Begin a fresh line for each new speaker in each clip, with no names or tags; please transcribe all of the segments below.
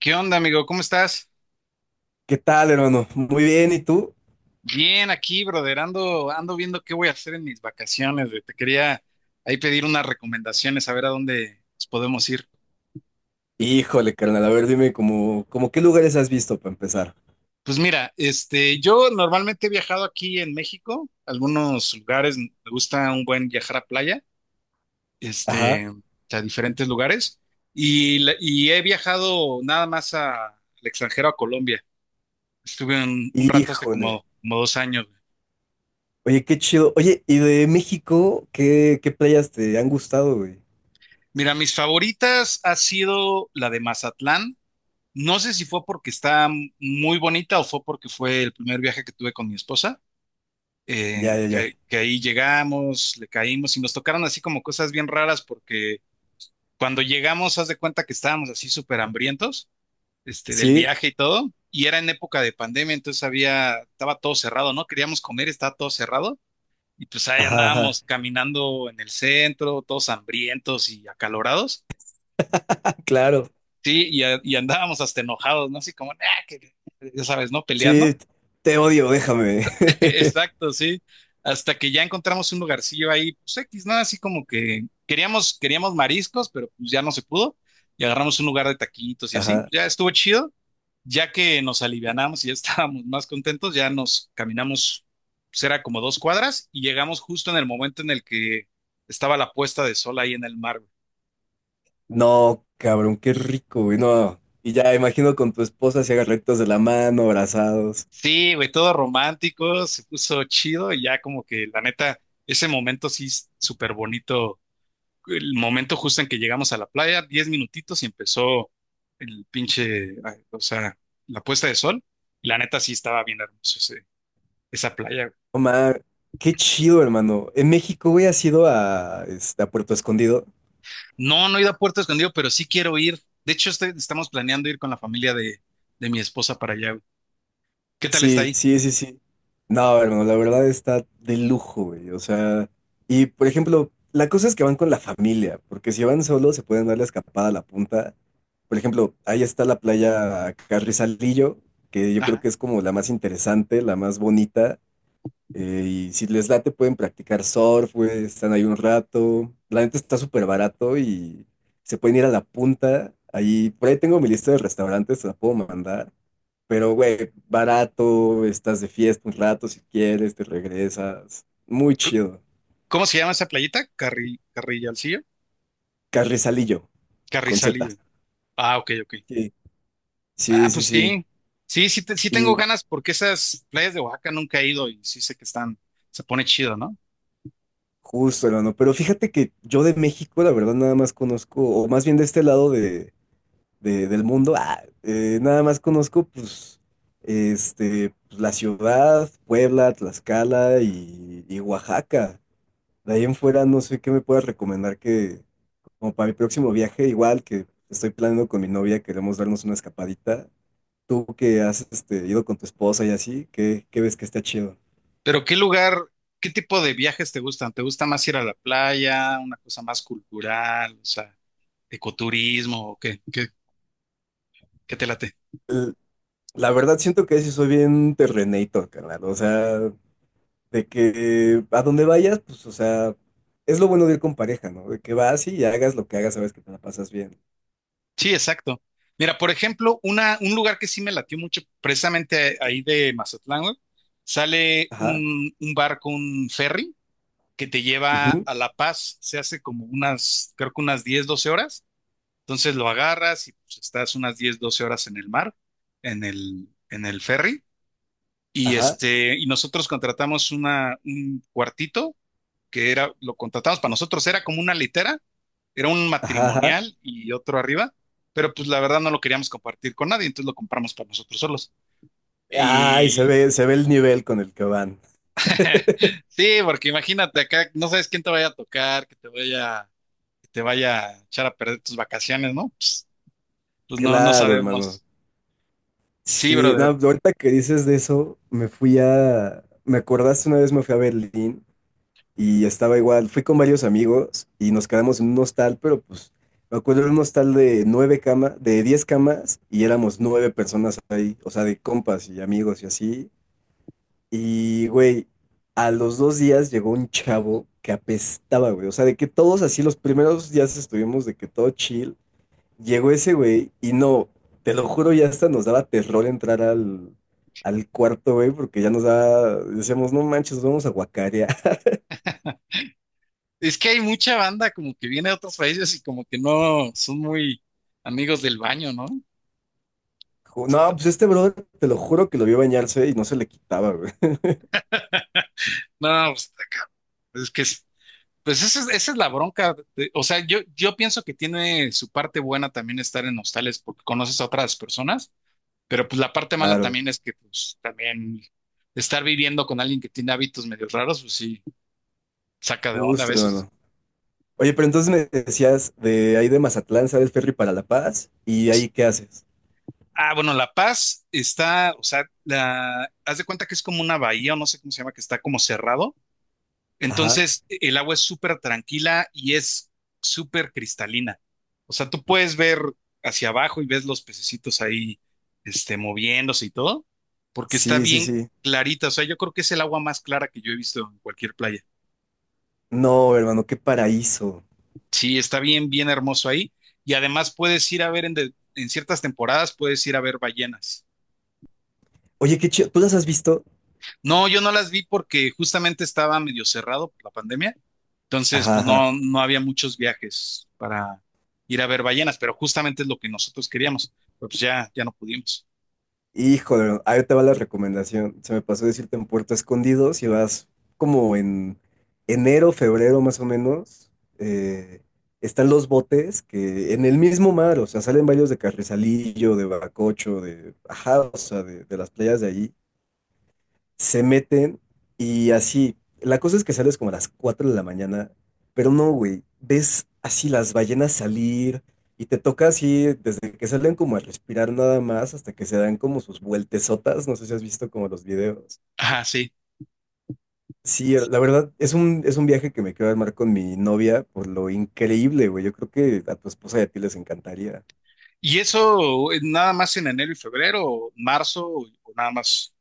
¿Qué onda, amigo? ¿Cómo estás?
¿Qué tal, hermano? Muy bien, ¿y tú?
Bien, aquí, brother. Ando viendo qué voy a hacer en mis vacaciones, güey. Te quería ahí pedir unas recomendaciones, a ver a dónde nos podemos ir.
Híjole, carnal, a ver, dime como qué lugares has visto para empezar.
Pues mira, yo normalmente he viajado aquí en México, algunos lugares, me gusta un buen viajar a playa,
Ajá.
este, a diferentes lugares, y, y he viajado nada más al extranjero, a Colombia. Estuve un rato hace
Híjole.
como 2 años.
Oye, qué chido. Oye, ¿y de México qué playas te han gustado, güey?
Mira, mis favoritas ha sido la de Mazatlán. No sé si fue porque está muy bonita o fue porque fue el primer viaje que tuve con mi esposa,
Ya, ya, ya.
que ahí llegamos, le caímos y nos tocaron así como cosas bien raras porque cuando llegamos, haz de cuenta que estábamos así súper hambrientos, del
¿Sí?
viaje y todo, y era en época de pandemia, entonces había, estaba todo cerrado, ¿no? Queríamos comer, estaba todo cerrado, y pues ahí
Ajá, ajá.
andábamos caminando en el centro, todos hambrientos y acalorados,
Claro.
sí, y andábamos hasta enojados, ¿no? Así como, "Ah, que-", ya sabes, ¿no? Peleando.
Sí, te odio, déjame.
Exacto, sí. Hasta que ya encontramos un lugarcillo ahí, pues X, nada, así como que queríamos mariscos, pero pues ya no se pudo. Y agarramos un lugar de taquitos y así.
Ajá.
Ya estuvo chido. Ya que nos alivianamos y ya estábamos más contentos, ya nos caminamos, pues era como 2 cuadras y llegamos justo en el momento en el que estaba la puesta de sol ahí en el mar, güey.
No, cabrón, qué rico, güey. No. Y ya imagino con tu esposa si hagan rectos de la mano, abrazados.
Sí, güey, todo romántico, se puso chido y ya como que la neta, ese momento sí es súper bonito, el momento justo en que llegamos a la playa, 10 minutitos y empezó el pinche, ay, o sea, la puesta de sol. La neta sí estaba bien hermoso esa playa.
Omar, qué chido, hermano. En México, güey, has ido a, este, a Puerto Escondido.
No, no he ido a Puerto Escondido, pero sí quiero ir. De hecho, estamos planeando ir con la familia de, mi esposa para allá, güey. ¿Qué tal está
Sí,
ahí?
sí, sí, sí. No, hermano, la verdad está de lujo, güey. O sea, y por ejemplo, la cosa es que van con la familia, porque si van solos se pueden dar la escapada a la punta. Por ejemplo, ahí está la playa Carrizalillo, que yo creo
Ajá.
que es como la más interesante, la más bonita. Y si les late, pueden practicar surf, güey, están ahí un rato. La neta está súper barato y se pueden ir a la punta. Ahí, por ahí tengo mi lista de restaurantes, se la puedo mandar. Pero, güey, barato, estás de fiesta un rato si quieres, te regresas. Muy
C-
chido.
¿Cómo se llama esa playita? Carrillalcillo.
Carrizalillo, con Z.
Carrizalillo. Ah, ok, ok.
Sí,
Ah,
sí, sí,
pues
sí.
sí. Sí, sí, sí tengo
Y
ganas porque esas playas de Oaxaca nunca he ido y sí sé que están, se pone chido, ¿no?
justo, hermano. Pero fíjate que yo de México, la verdad, nada más conozco, o más bien de este lado del mundo. Ah, nada más conozco, pues, este, pues, la ciudad, Puebla, Tlaxcala y Oaxaca. De ahí en fuera no sé qué me puedas recomendar que, como para mi próximo viaje, igual que estoy planeando con mi novia, queremos darnos una escapadita. Tú que has este, ido con tu esposa y así, ¿qué ves que está chido?
Pero ¿Qué tipo de viajes te gustan? ¿Te gusta más ir a la playa, una cosa más cultural, o sea, ecoturismo o qué te late?
L- La verdad siento que sí soy bien terrenator, carnal. O sea, de que a donde vayas, pues, o sea, es lo bueno de ir con pareja, ¿no? De que vas y hagas lo que hagas, sabes que te la pasas bien.
Sí, exacto. Mira, por ejemplo, un lugar que sí me latió mucho, precisamente ahí de Mazatlán, güey, sale
Ajá,
un barco, un ferry, que te lleva
ujú,
a La Paz. Se hace como unas, creo que unas 10 12 horas. Entonces lo agarras y pues, estás unas 10 12 horas en el mar, en el ferry. Y
ajá,
nosotros contratamos un cuartito que era, lo contratamos para nosotros, era como una litera, era un
ajá, ajá.
matrimonial y otro arriba, pero pues la verdad no lo queríamos compartir con nadie, entonces lo compramos para nosotros solos.
Ay,
Y
se ve el nivel con el que van.
sí, porque imagínate acá, no sabes quién te vaya a tocar, que te vaya a echar a perder tus vacaciones, ¿no? Pues no, no
Claro, hermano.
sabemos. Sí,
Sí, no,
brother.
ahorita que dices de eso, me fui a, me acordaste una vez me fui a Berlín. Y estaba igual, fui con varios amigos y nos quedamos en un hostal, pero pues me acuerdo de un hostal de nueve camas, de 10 camas y éramos nueve personas ahí, o sea, de compas y amigos y así. Y güey, a los 2 días llegó un chavo que apestaba, güey, o sea, de que todos así los primeros días estuvimos de que todo chill, llegó ese güey y no, te lo juro, ya hasta nos daba terror entrar al, al cuarto, güey, porque ya nos daba, decíamos, no manches, nos vamos a guacarear.
Es que hay mucha banda como que viene de otros países y como que no son muy amigos del baño, ¿no?
No, pues este brother, te lo juro que lo vio bañarse y no se le quitaba, güey.
No, pues, está es que, es- pues esa es la bronca. O sea, yo pienso que tiene su parte buena también estar en hostales porque conoces a otras personas, pero pues la parte mala
Claro,
también es que, pues también estar viviendo con alguien que tiene hábitos medio raros, pues sí, saca de onda a
justo,
veces.
hermano. Oye, pero entonces me decías de ahí de Mazatlán, sale el ferry para La Paz y ahí ¿qué haces?
Ah, bueno, La Paz está, o sea, haz de cuenta que es como una bahía, o no sé cómo se llama, que está como cerrado.
Ajá.
Entonces, el agua es súper tranquila y es súper cristalina. O sea, tú puedes ver hacia abajo y ves los pececitos ahí, moviéndose y todo, porque está
Sí, sí,
bien
sí.
clarita. O sea, yo creo que es el agua más clara que yo he visto en cualquier playa.
No, hermano, qué paraíso.
Sí, está bien, bien hermoso ahí. Y además puedes ir a ver en ciertas temporadas, puedes ir a ver ballenas.
Oye, qué chido. ¿Tú las has visto?
No, yo no las vi porque justamente estaba medio cerrado por la pandemia, entonces
Ajá,
pues
ajá.
no, no había muchos viajes para ir a ver ballenas, pero justamente es lo que nosotros queríamos, pero pues ya, ya no pudimos.
Híjole, ahí te va la recomendación. Se me pasó decirte en Puerto Escondido, si vas como en enero, febrero más o menos, eh, están los botes que en el mismo mar, o sea, salen varios de Carrizalillo, de Bacocho, de, ajá, o sea, de las playas de allí se meten y así. La cosa es que sales como a las 4 de la mañana, pero no, güey. Ves así las ballenas salir y te toca así desde que salen como a respirar nada más hasta que se dan como sus vueltesotas. No sé si has visto como los videos.
Ajá, sí.
Sí, la verdad es un viaje que me quiero armar con mi novia por lo increíble, güey. Yo creo que a tu esposa y a ti les encantaría.
¿Y eso nada más en enero y febrero, o marzo, o nada más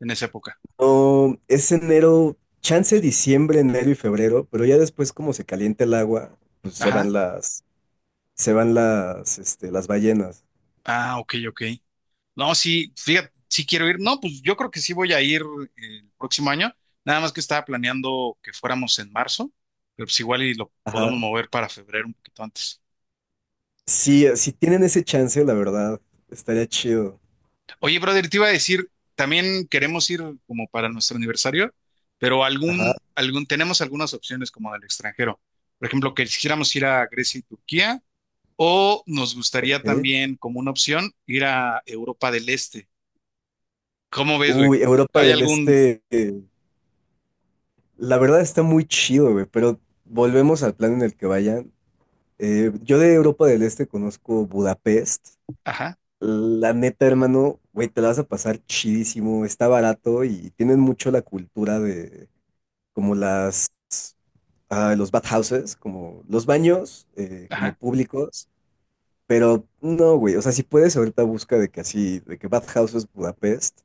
en esa época?
No, es enero, chance diciembre, enero y febrero, pero ya después como se calienta el agua, pues se
Ajá.
van las, se van las, este, las ballenas.
Ah, ok, ok. No, sí, fíjate, sí quiero ir. No, pues yo creo que sí voy a ir el próximo año. Nada más que estaba planeando que fuéramos en marzo, pero pues igual y lo podemos
Ajá.
mover para febrero un poquito antes.
Sí, si tienen ese chance, la verdad, estaría chido.
Oye, brother, te iba a decir, también queremos ir como para nuestro aniversario, pero
Ajá,
tenemos algunas opciones como del extranjero. Por ejemplo, que quisiéramos ir a Grecia y Turquía, o nos gustaría
ok.
también, como una opción, ir a Europa del Este. ¿Cómo ves, güey?
Uy, Europa
¿Hay
del
algún?
Este, la verdad está muy chido, güey, pero volvemos al plan en el que vayan. Yo de Europa del Este conozco Budapest.
Ajá,
La neta, hermano, güey, te la vas a pasar chidísimo, está barato y tienen mucho la cultura de como las, ah, los bathhouses, como los baños, como
ajá,
públicos. Pero no, güey. O sea, si puedes, ahorita busca de que así, de que Bad Houses Budapest,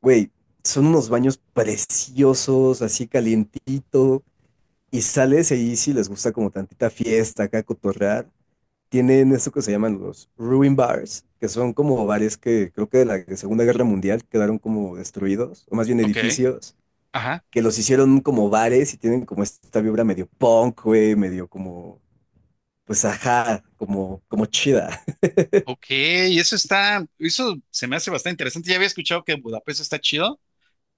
güey, son unos baños preciosos, así calientito. Y sales ahí si les gusta como tantita fiesta acá, cotorrear. Tienen esto que se llaman los ruin bars, que son como bares que creo que de la Segunda Guerra Mundial quedaron como destruidos, o más bien
ok,
edificios,
ajá.
que los hicieron como bares y tienen como esta vibra medio punk, güey, medio como, pues ajá, como, como chida.
Ok, eso se me hace bastante interesante. Ya había escuchado que Budapest está chido.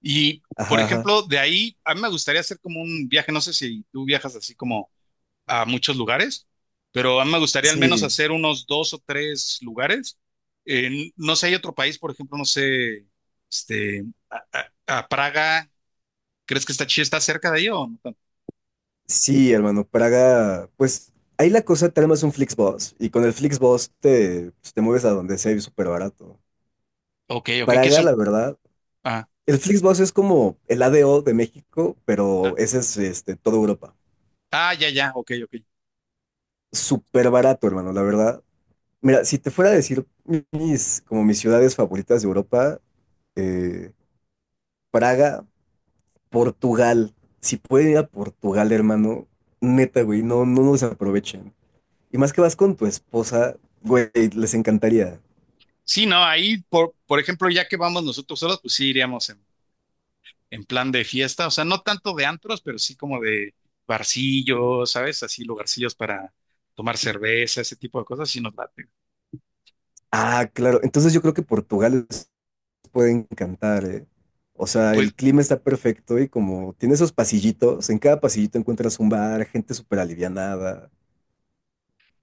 Y, por
Ajá, ajá.
ejemplo, de ahí, a mí me gustaría hacer como un viaje, no sé si tú viajas así como a muchos lugares, pero a mí me gustaría al menos
Sí,
hacer unos dos o tres lugares. No sé, hay otro país, por ejemplo, no sé, este, a, a Praga, ¿crees que está chido? ¿Está cerca de ahí o no tanto?
Sí, hermano, Praga, pues ahí la cosa te armas un Flixbus y con el Flixbus te, pues, te mueves a donde sea y súper barato.
Ok, ok, ¿qué
Praga,
son?
la verdad,
Ah,
el Flixbus es como el ADO de México, pero
ah,
ese es este, toda Europa.
ah, ya, ya, ok, ok.
Súper barato, hermano, la verdad. Mira, si te fuera a decir mis, como mis ciudades favoritas de Europa, eh, Praga, Portugal. Si pueden ir a Portugal, hermano, neta, güey, no, no nos aprovechen. Y más que vas con tu esposa, güey, les encantaría.
Sí, no, ahí, por ejemplo, ya que vamos nosotros solos, pues sí iríamos en plan de fiesta, o sea, no tanto de antros, pero sí como de barcillos, ¿sabes? Así lugarcillos para tomar cerveza, ese tipo de cosas, sí nos late.
Ah, claro. Entonces yo creo que Portugal les puede encantar, ¿eh? O sea,
Pues,
el clima está perfecto y como tiene esos pasillitos, en cada pasillito encuentras un bar, gente súper alivianada.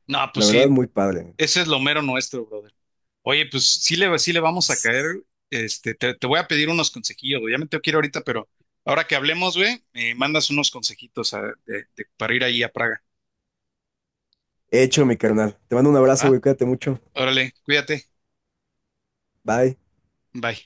no,
La
pues
verdad,
sí,
muy padre.
ese es lo mero nuestro, brother. Oye, pues sí le vamos a
S-
caer, te voy a pedir unos consejillos, güey. Ya me tengo que ir ahorita, pero ahora que hablemos, güey, me mandas unos consejitos para ir ahí a Praga,
Hecho, mi carnal. Te mando un abrazo,
¿va?
güey. Cuídate mucho.
Órale, cuídate,
Bye.
bye.